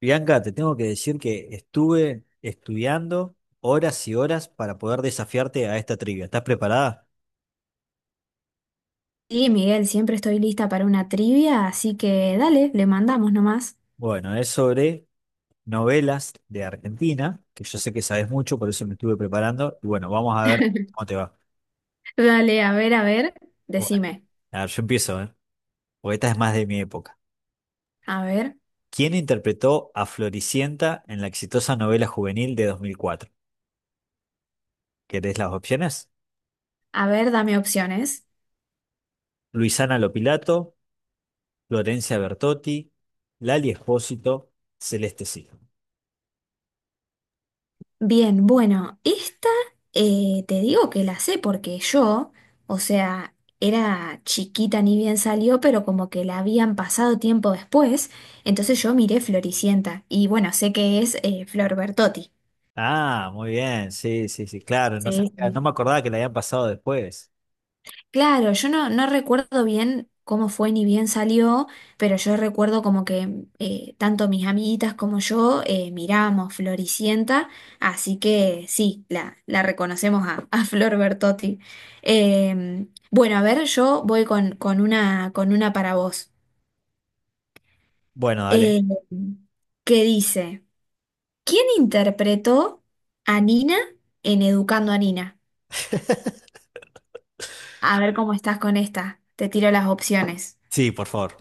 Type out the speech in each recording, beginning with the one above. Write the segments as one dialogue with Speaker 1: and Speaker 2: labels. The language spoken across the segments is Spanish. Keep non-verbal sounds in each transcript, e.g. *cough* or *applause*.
Speaker 1: Bianca, te tengo que decir que estuve estudiando horas y horas para poder desafiarte a esta trivia. ¿Estás preparada?
Speaker 2: Sí, Miguel, siempre estoy lista para una trivia, así que dale, le mandamos nomás.
Speaker 1: Bueno, es sobre novelas de Argentina, que yo sé que sabes mucho, por eso me estuve preparando. Y bueno, vamos a ver cómo te va.
Speaker 2: Dale, a ver,
Speaker 1: Bueno,
Speaker 2: decime.
Speaker 1: a ver, yo empiezo, ¿eh? Porque esta es más de mi época.
Speaker 2: A ver,
Speaker 1: ¿Quién interpretó a Floricienta en la exitosa novela juvenil de 2004? ¿Querés las opciones?
Speaker 2: a ver, dame opciones.
Speaker 1: Luisana Lopilato, Florencia Bertotti, Lali Espósito, Celeste Cid.
Speaker 2: Bien, bueno, esta te digo que la sé porque yo, o sea, era chiquita ni bien salió, pero como que la habían pasado tiempo después, entonces yo miré Floricienta y bueno, sé que es Flor Bertotti.
Speaker 1: Ah, muy bien, sí, sí, sí, claro,
Speaker 2: Sí,
Speaker 1: no
Speaker 2: sí.
Speaker 1: me acordaba que la habían pasado después.
Speaker 2: Claro, yo no recuerdo bien cómo fue ni bien salió, pero yo recuerdo como que tanto mis amiguitas como yo miramos Floricienta, así que sí, la reconocemos a Flor Bertotti. Eh, bueno, a ver, yo voy con una para vos,
Speaker 1: Bueno, dale.
Speaker 2: eh, que dice, ¿quién interpretó a Nina en Educando a Nina? A ver cómo estás con esta, te tiro las opciones.
Speaker 1: Sí, por favor.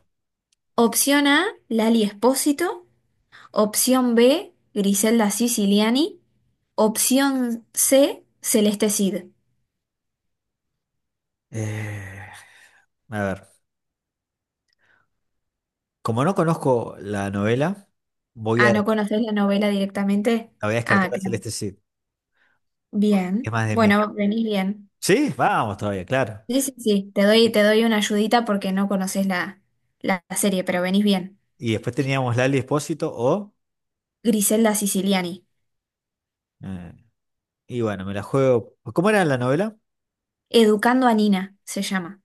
Speaker 2: Opción A, Lali Espósito. Opción B, Griselda Siciliani. Opción C, Celeste Cid.
Speaker 1: Eh, a ver, como no conozco la novela, voy
Speaker 2: Ah,
Speaker 1: a,
Speaker 2: ¿no
Speaker 1: descar-
Speaker 2: conoces la novela directamente?
Speaker 1: la voy a
Speaker 2: Ah,
Speaker 1: descartar a
Speaker 2: claro.
Speaker 1: Celeste Cid, es
Speaker 2: Bien.
Speaker 1: más de mí.
Speaker 2: Bueno, venís bien.
Speaker 1: Sí, vamos todavía, claro.
Speaker 2: Sí, sí, sí. Te doy,
Speaker 1: Y,
Speaker 2: te doy una ayudita porque no conoces la serie, pero venís bien.
Speaker 1: y después teníamos Lali Espósito o...
Speaker 2: Griselda Siciliani.
Speaker 1: eh, y bueno, me la juego... ¿Cómo era la novela?
Speaker 2: Educando a Nina se llama.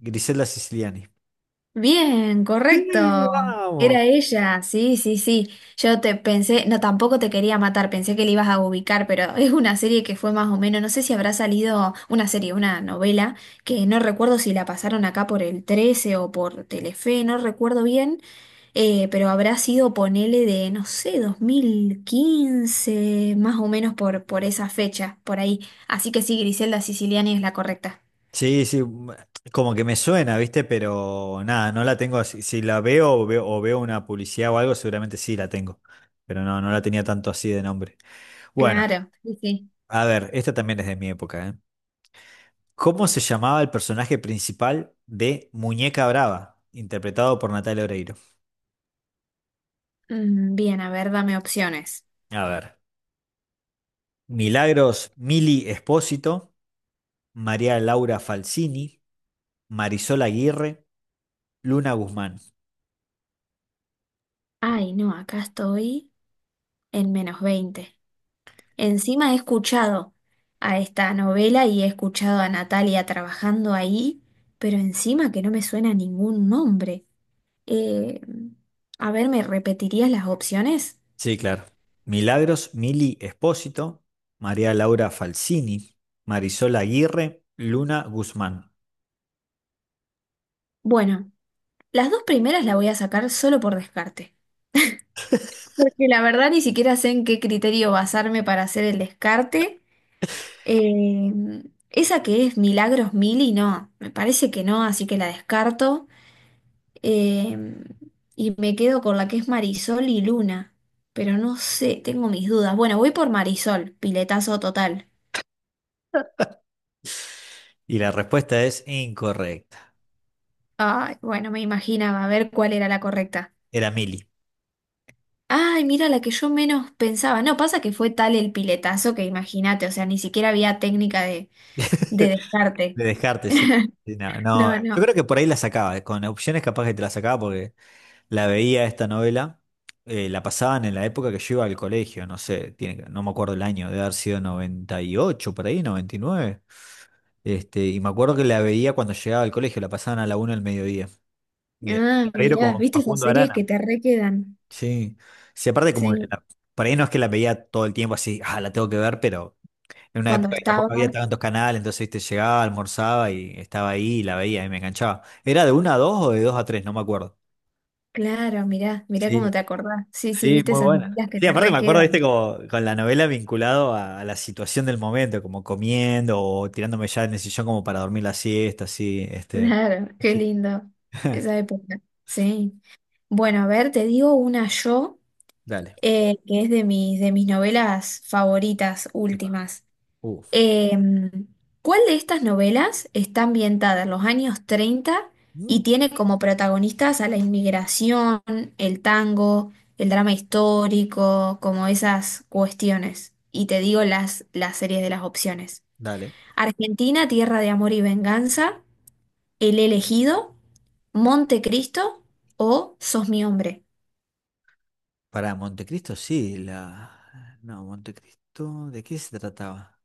Speaker 1: Griselda Siciliani.
Speaker 2: Bien,
Speaker 1: Sí,
Speaker 2: correcto.
Speaker 1: vamos.
Speaker 2: Era ella, sí, sí, sí. Yo te pensé, no, tampoco te quería matar, pensé que le ibas a ubicar, pero *laughs* es una serie que fue más o menos, no sé si habrá salido una serie, una novela, que no recuerdo si la pasaron acá por el 13 o por Telefe, no recuerdo bien, pero habrá sido, ponele de, no sé, 2015 más o menos por esa fecha, por ahí. Así que sí, Griselda Siciliani es la correcta.
Speaker 1: Sí, sí, como que me suena, ¿viste? Pero nada, no la tengo así. Si la veo o veo, o veo una publicidad o algo, seguramente sí la tengo. Pero no, no la tenía tanto así de nombre. Bueno,
Speaker 2: Claro, sí, sí.
Speaker 1: a ver, esta también es de mi época, ¿eh? ¿Cómo se llamaba el personaje principal de Muñeca Brava, interpretado por Natalia Oreiro?
Speaker 2: Bien, a ver, dame opciones.
Speaker 1: A ver, Milagros Mili Espósito, María Laura Falsini, Marisol Aguirre, Luna Guzmán.
Speaker 2: Ay, no, acá estoy en menos 20. Encima he escuchado a esta novela y he escuchado a Natalia trabajando ahí, pero encima que no me suena ningún nombre. Eh, a ver, ¿me repetirías las opciones?
Speaker 1: Sí, claro. Milagros Mili Espósito, María Laura Falsini, Marisol Aguirre, Luna Guzmán.
Speaker 2: Bueno, las dos primeras las voy a sacar solo por descarte, porque la verdad ni siquiera sé en qué criterio basarme para hacer el descarte. Eh, esa que es Milagros Mili, no, me parece que no, así que la descarto. Em, y me quedo con la que es Marisol y Luna. Pero no sé, tengo mis dudas. Bueno, voy por Marisol, piletazo total.
Speaker 1: Y la respuesta es incorrecta.
Speaker 2: Ay, bueno, me imaginaba a ver cuál era la correcta.
Speaker 1: Era Mili.
Speaker 2: Ay, mira, la que yo menos pensaba. No, pasa que fue tal el piletazo que imagínate, o sea, ni siquiera había técnica de
Speaker 1: *laughs*
Speaker 2: descarte.
Speaker 1: De descarte, sí. Sí, no, no,
Speaker 2: No,
Speaker 1: yo
Speaker 2: no.
Speaker 1: creo que por ahí la sacaba, con opciones capaz que te la sacaba porque la veía esta novela, la pasaban en la época que yo iba al colegio, no sé, no me acuerdo el año, debe haber sido 98, por ahí, 99. Y me acuerdo que la veía cuando llegaba al colegio, la pasaban a la una del mediodía. De
Speaker 2: Ah,
Speaker 1: Guerrero
Speaker 2: mirá,
Speaker 1: con
Speaker 2: ¿viste esas
Speaker 1: Facundo
Speaker 2: series
Speaker 1: Arana.
Speaker 2: que te requedan?
Speaker 1: Sí. Sí, aparte como que
Speaker 2: Sí,
Speaker 1: la- por ahí no es que la veía todo el tiempo así, ah, la tengo que ver, pero en una
Speaker 2: cuando
Speaker 1: época que tampoco había
Speaker 2: estaba.
Speaker 1: tantos canales, entonces viste, llegaba, almorzaba y estaba ahí y la veía y me enganchaba. ¿Era de 1 a 2 o de 2 a 3? No me acuerdo.
Speaker 2: Claro, mirá, mirá cómo
Speaker 1: Sí,
Speaker 2: te acordás. Sí, sí,
Speaker 1: sí,
Speaker 2: viste
Speaker 1: muy
Speaker 2: esas
Speaker 1: buena.
Speaker 2: medidas que
Speaker 1: Sí,
Speaker 2: te
Speaker 1: aparte me acuerdo, viste,
Speaker 2: requedan.
Speaker 1: como con la novela vinculado a la situación del momento, como comiendo o tirándome ya en el sillón como para dormir la siesta, así.
Speaker 2: Claro, qué
Speaker 1: Sí.
Speaker 2: lindo esa
Speaker 1: *laughs*
Speaker 2: época. Sí. Bueno, a ver, te digo una yo
Speaker 1: Dale.
Speaker 2: que es de mis novelas favoritas
Speaker 1: Epa.
Speaker 2: últimas.
Speaker 1: Uf.
Speaker 2: Em, ¿Cuál de estas novelas está ambientada en los años 30 y
Speaker 1: Mm,
Speaker 2: tiene como protagonistas a la inmigración, el tango, el drama histórico, como esas cuestiones? Y te digo las series de las opciones.
Speaker 1: dale.
Speaker 2: Argentina, Tierra de Amor y Venganza. El elegido, Montecristo o Sos mi hombre.
Speaker 1: Para Montecristo, sí, la... No, Montecristo, ¿de qué se trataba?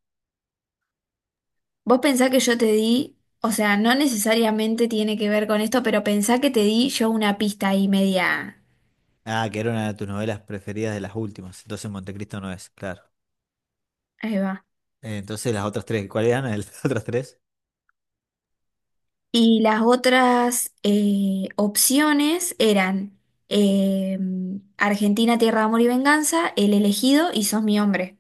Speaker 2: Vos pensá que yo te di, o sea, no necesariamente tiene que ver con esto, pero pensá que te di yo una pista ahí media.
Speaker 1: Ah, que era una de tus novelas preferidas de las últimas, entonces Montecristo no es, claro.
Speaker 2: Ahí va.
Speaker 1: Entonces las otras tres, ¿cuáles eran *laughs* las otras tres?
Speaker 2: Y las otras opciones eran eh, Argentina, Tierra, de Amor y Venganza, El elegido y Sos mi hombre.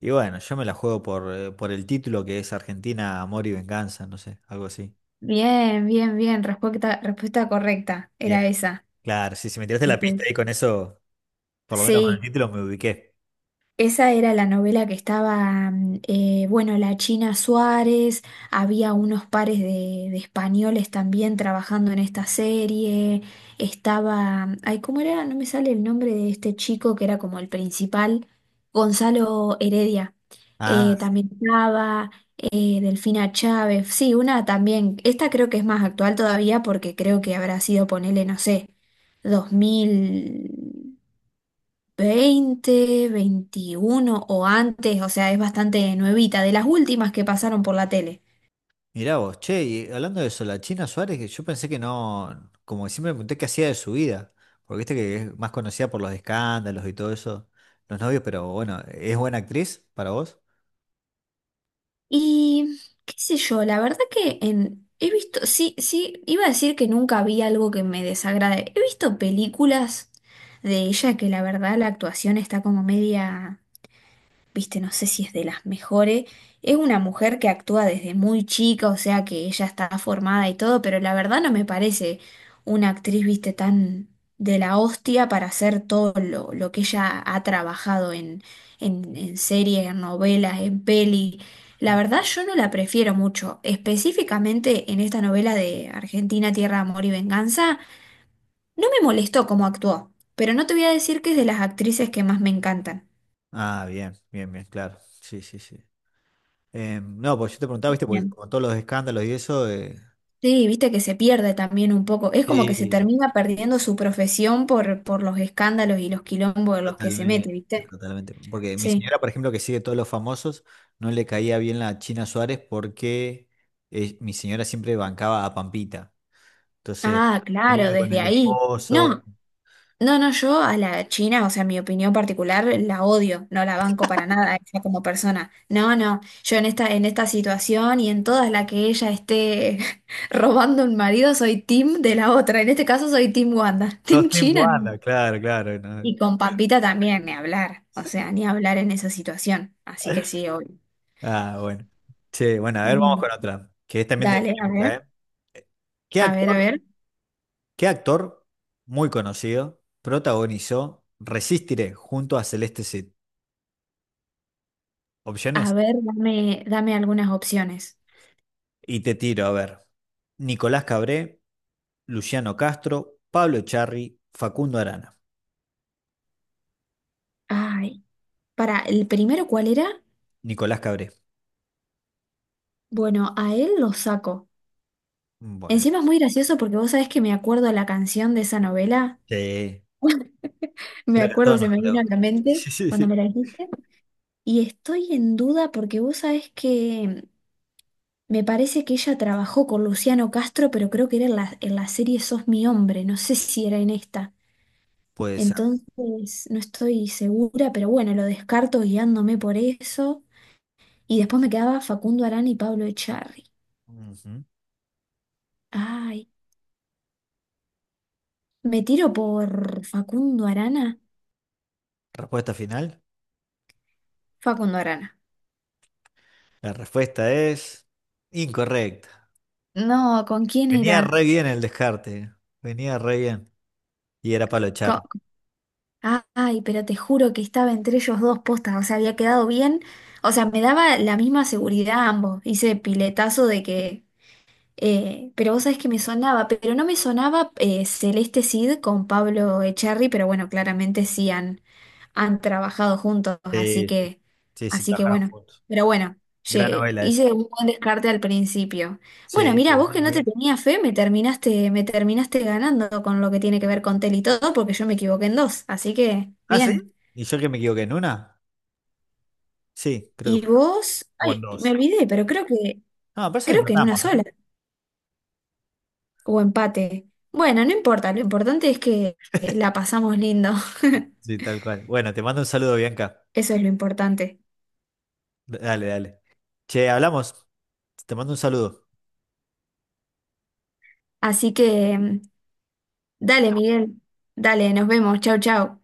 Speaker 1: Y bueno, yo me la juego por el título que es Argentina, Amor y Venganza, no sé, algo así.
Speaker 2: Bien, bien, bien, respuesta correcta,
Speaker 1: Bien,
Speaker 2: era esa.
Speaker 1: claro, sí, si me tiraste
Speaker 2: Sí,
Speaker 1: la pista
Speaker 2: sí.
Speaker 1: ahí con eso, por lo menos con el
Speaker 2: Sí,
Speaker 1: título me ubiqué.
Speaker 2: esa era la novela que estaba, bueno, la China Suárez, había unos pares de españoles también trabajando en esta serie, estaba, ay, ¿cómo era? No me sale el nombre de este chico que era como el principal, Gonzalo Heredia,
Speaker 1: Ah,
Speaker 2: también estaba, Delfina Chávez, sí, una también, esta creo que es más actual todavía porque creo que habrá sido, ponele, no sé, 2020, 21 o antes, o sea, es bastante nuevita, de las últimas que pasaron por la tele.
Speaker 1: mirá vos, che, y hablando de eso, la China Suárez, que yo pensé que no, como que siempre me pregunté qué hacía de su vida, porque viste que es más conocida por los escándalos y todo eso, los novios, pero bueno, ¿es buena actriz para vos?
Speaker 2: Y qué sé yo, la verdad que he visto, sí, sí, iba a decir que nunca vi algo que me desagrade. He visto películas de ella que la verdad la actuación está como media... viste, no sé si es de las mejores. Es una mujer que actúa desde muy chica, o sea que ella está formada y todo, pero la verdad no me parece una actriz, viste, tan de la hostia para hacer todo lo que ella ha trabajado en series, en novelas, en peli. La verdad yo no la prefiero mucho, específicamente en esta novela de Argentina, Tierra, Amor y Venganza. No me molestó cómo actuó, pero no te voy a decir que es de las actrices que más me encantan.
Speaker 1: Ah, bien, bien, bien, claro, sí, sí, sí. No, pues yo te preguntaba, viste, porque
Speaker 2: Bien.
Speaker 1: con todos los escándalos y eso.
Speaker 2: Sí, viste que se pierde también un poco. Es como que se
Speaker 1: Sí,
Speaker 2: termina perdiendo su profesión por los escándalos y los quilombos en los que se mete,
Speaker 1: totalmente.
Speaker 2: ¿viste?
Speaker 1: Totalmente. Porque mi
Speaker 2: Sí.
Speaker 1: señora, por ejemplo, que sigue todos los famosos, no le caía bien la China Suárez porque mi señora siempre bancaba a Pampita. Entonces,
Speaker 2: Ah, claro,
Speaker 1: lío con
Speaker 2: desde
Speaker 1: el
Speaker 2: ahí.
Speaker 1: esposo.
Speaker 2: No, no, no, yo a la China, o sea, mi opinión particular, la odio, no la banco para nada, a ella como persona. No, no, yo en esta situación y en todas las que ella esté *laughs* robando un marido, soy team de la otra. En este caso soy team Wanda.
Speaker 1: Los
Speaker 2: Team
Speaker 1: Team
Speaker 2: China.
Speaker 1: Wanda, claro, claro. No.
Speaker 2: Y con Pampita también, ni hablar, o sea, ni hablar en esa situación. Así que sí, obvio.
Speaker 1: Ah, bueno. Che, bueno, a ver, vamos con
Speaker 2: Bien.
Speaker 1: otra, que es también de mi
Speaker 2: Dale, a ver,
Speaker 1: época, ¿eh? ¿Qué
Speaker 2: a ver, a
Speaker 1: actor,
Speaker 2: ver,
Speaker 1: qué actor muy conocido protagonizó Resistiré junto a Celeste Cid?
Speaker 2: a
Speaker 1: Opciones.
Speaker 2: ver, dame algunas opciones.
Speaker 1: Y te tiro, a ver. Nicolás Cabré, Luciano Castro, Pablo Charri, Facundo Arana.
Speaker 2: Ay, para, ¿el primero cuál era?
Speaker 1: Nicolás Cabré.
Speaker 2: Bueno, a él lo saco.
Speaker 1: Bueno,
Speaker 2: Encima es muy gracioso porque vos sabés que me acuerdo la canción de esa novela.
Speaker 1: sí,
Speaker 2: *laughs* Me
Speaker 1: creo que a todos
Speaker 2: acuerdo, se
Speaker 1: nos
Speaker 2: me vino a
Speaker 1: creo. *laughs*
Speaker 2: la mente
Speaker 1: Sí, sí,
Speaker 2: cuando
Speaker 1: sí.
Speaker 2: me la dijiste. Y estoy en duda porque vos sabés que me parece que ella trabajó con Luciano Castro, pero creo que era en la serie Sos mi hombre, no sé si era en esta.
Speaker 1: Puede ser.
Speaker 2: Entonces, no estoy segura, pero bueno, lo descarto guiándome por eso. Y después me quedaba Facundo Arana y Pablo Echarri.
Speaker 1: Ujú.
Speaker 2: Ay, ¿me tiro por Facundo Arana?
Speaker 1: Respuesta final.
Speaker 2: Facundo Arana.
Speaker 1: La respuesta es incorrecta.
Speaker 2: No, ¿con quién
Speaker 1: Venía
Speaker 2: era?
Speaker 1: re bien el descarte. Venía re bien. Y era Pablo
Speaker 2: Co-
Speaker 1: Echar.
Speaker 2: Ah, ay, pero te juro que estaba entre ellos dos postas, o sea, había quedado bien. O sea, me daba la misma seguridad a ambos. Hice piletazo de que pero vos sabés que me sonaba, pero no me sonaba Celeste Cid con Pablo Echarri, pero bueno, claramente sí han trabajado juntos, así
Speaker 1: Sí, sí.
Speaker 2: que,
Speaker 1: Sí, sí,
Speaker 2: así que
Speaker 1: trabajaron
Speaker 2: bueno.
Speaker 1: juntos.
Speaker 2: Pero bueno,
Speaker 1: Gran novela esa.
Speaker 2: hice un buen descarte al principio. Bueno,
Speaker 1: Sí, sí,
Speaker 2: mira, vos
Speaker 1: venía
Speaker 2: que no
Speaker 1: muy
Speaker 2: te
Speaker 1: bien.
Speaker 2: tenía fe, me terminaste ganando con lo que tiene que ver con Tel y todo, porque yo me equivoqué en dos, así que
Speaker 1: ¿Ah, sí?
Speaker 2: bien.
Speaker 1: ¿Y yo que me equivoqué en una? Sí, creo que
Speaker 2: Y
Speaker 1: fue.
Speaker 2: vos,
Speaker 1: O en
Speaker 2: ay, me
Speaker 1: dos.
Speaker 2: olvidé, pero creo que,
Speaker 1: No, parece que
Speaker 2: creo que en una
Speaker 1: empatamos, ¿eh?
Speaker 2: sola. O empate. Bueno, no importa, lo importante es que la pasamos lindo. *laughs*
Speaker 1: Sí, tal cual. Bueno, te mando un saludo, Bianca.
Speaker 2: Eso es lo importante.
Speaker 1: Dale, dale. Che, hablamos. Te mando un saludo.
Speaker 2: Así que, dale, Miguel. Dale, nos vemos. Chau, chau.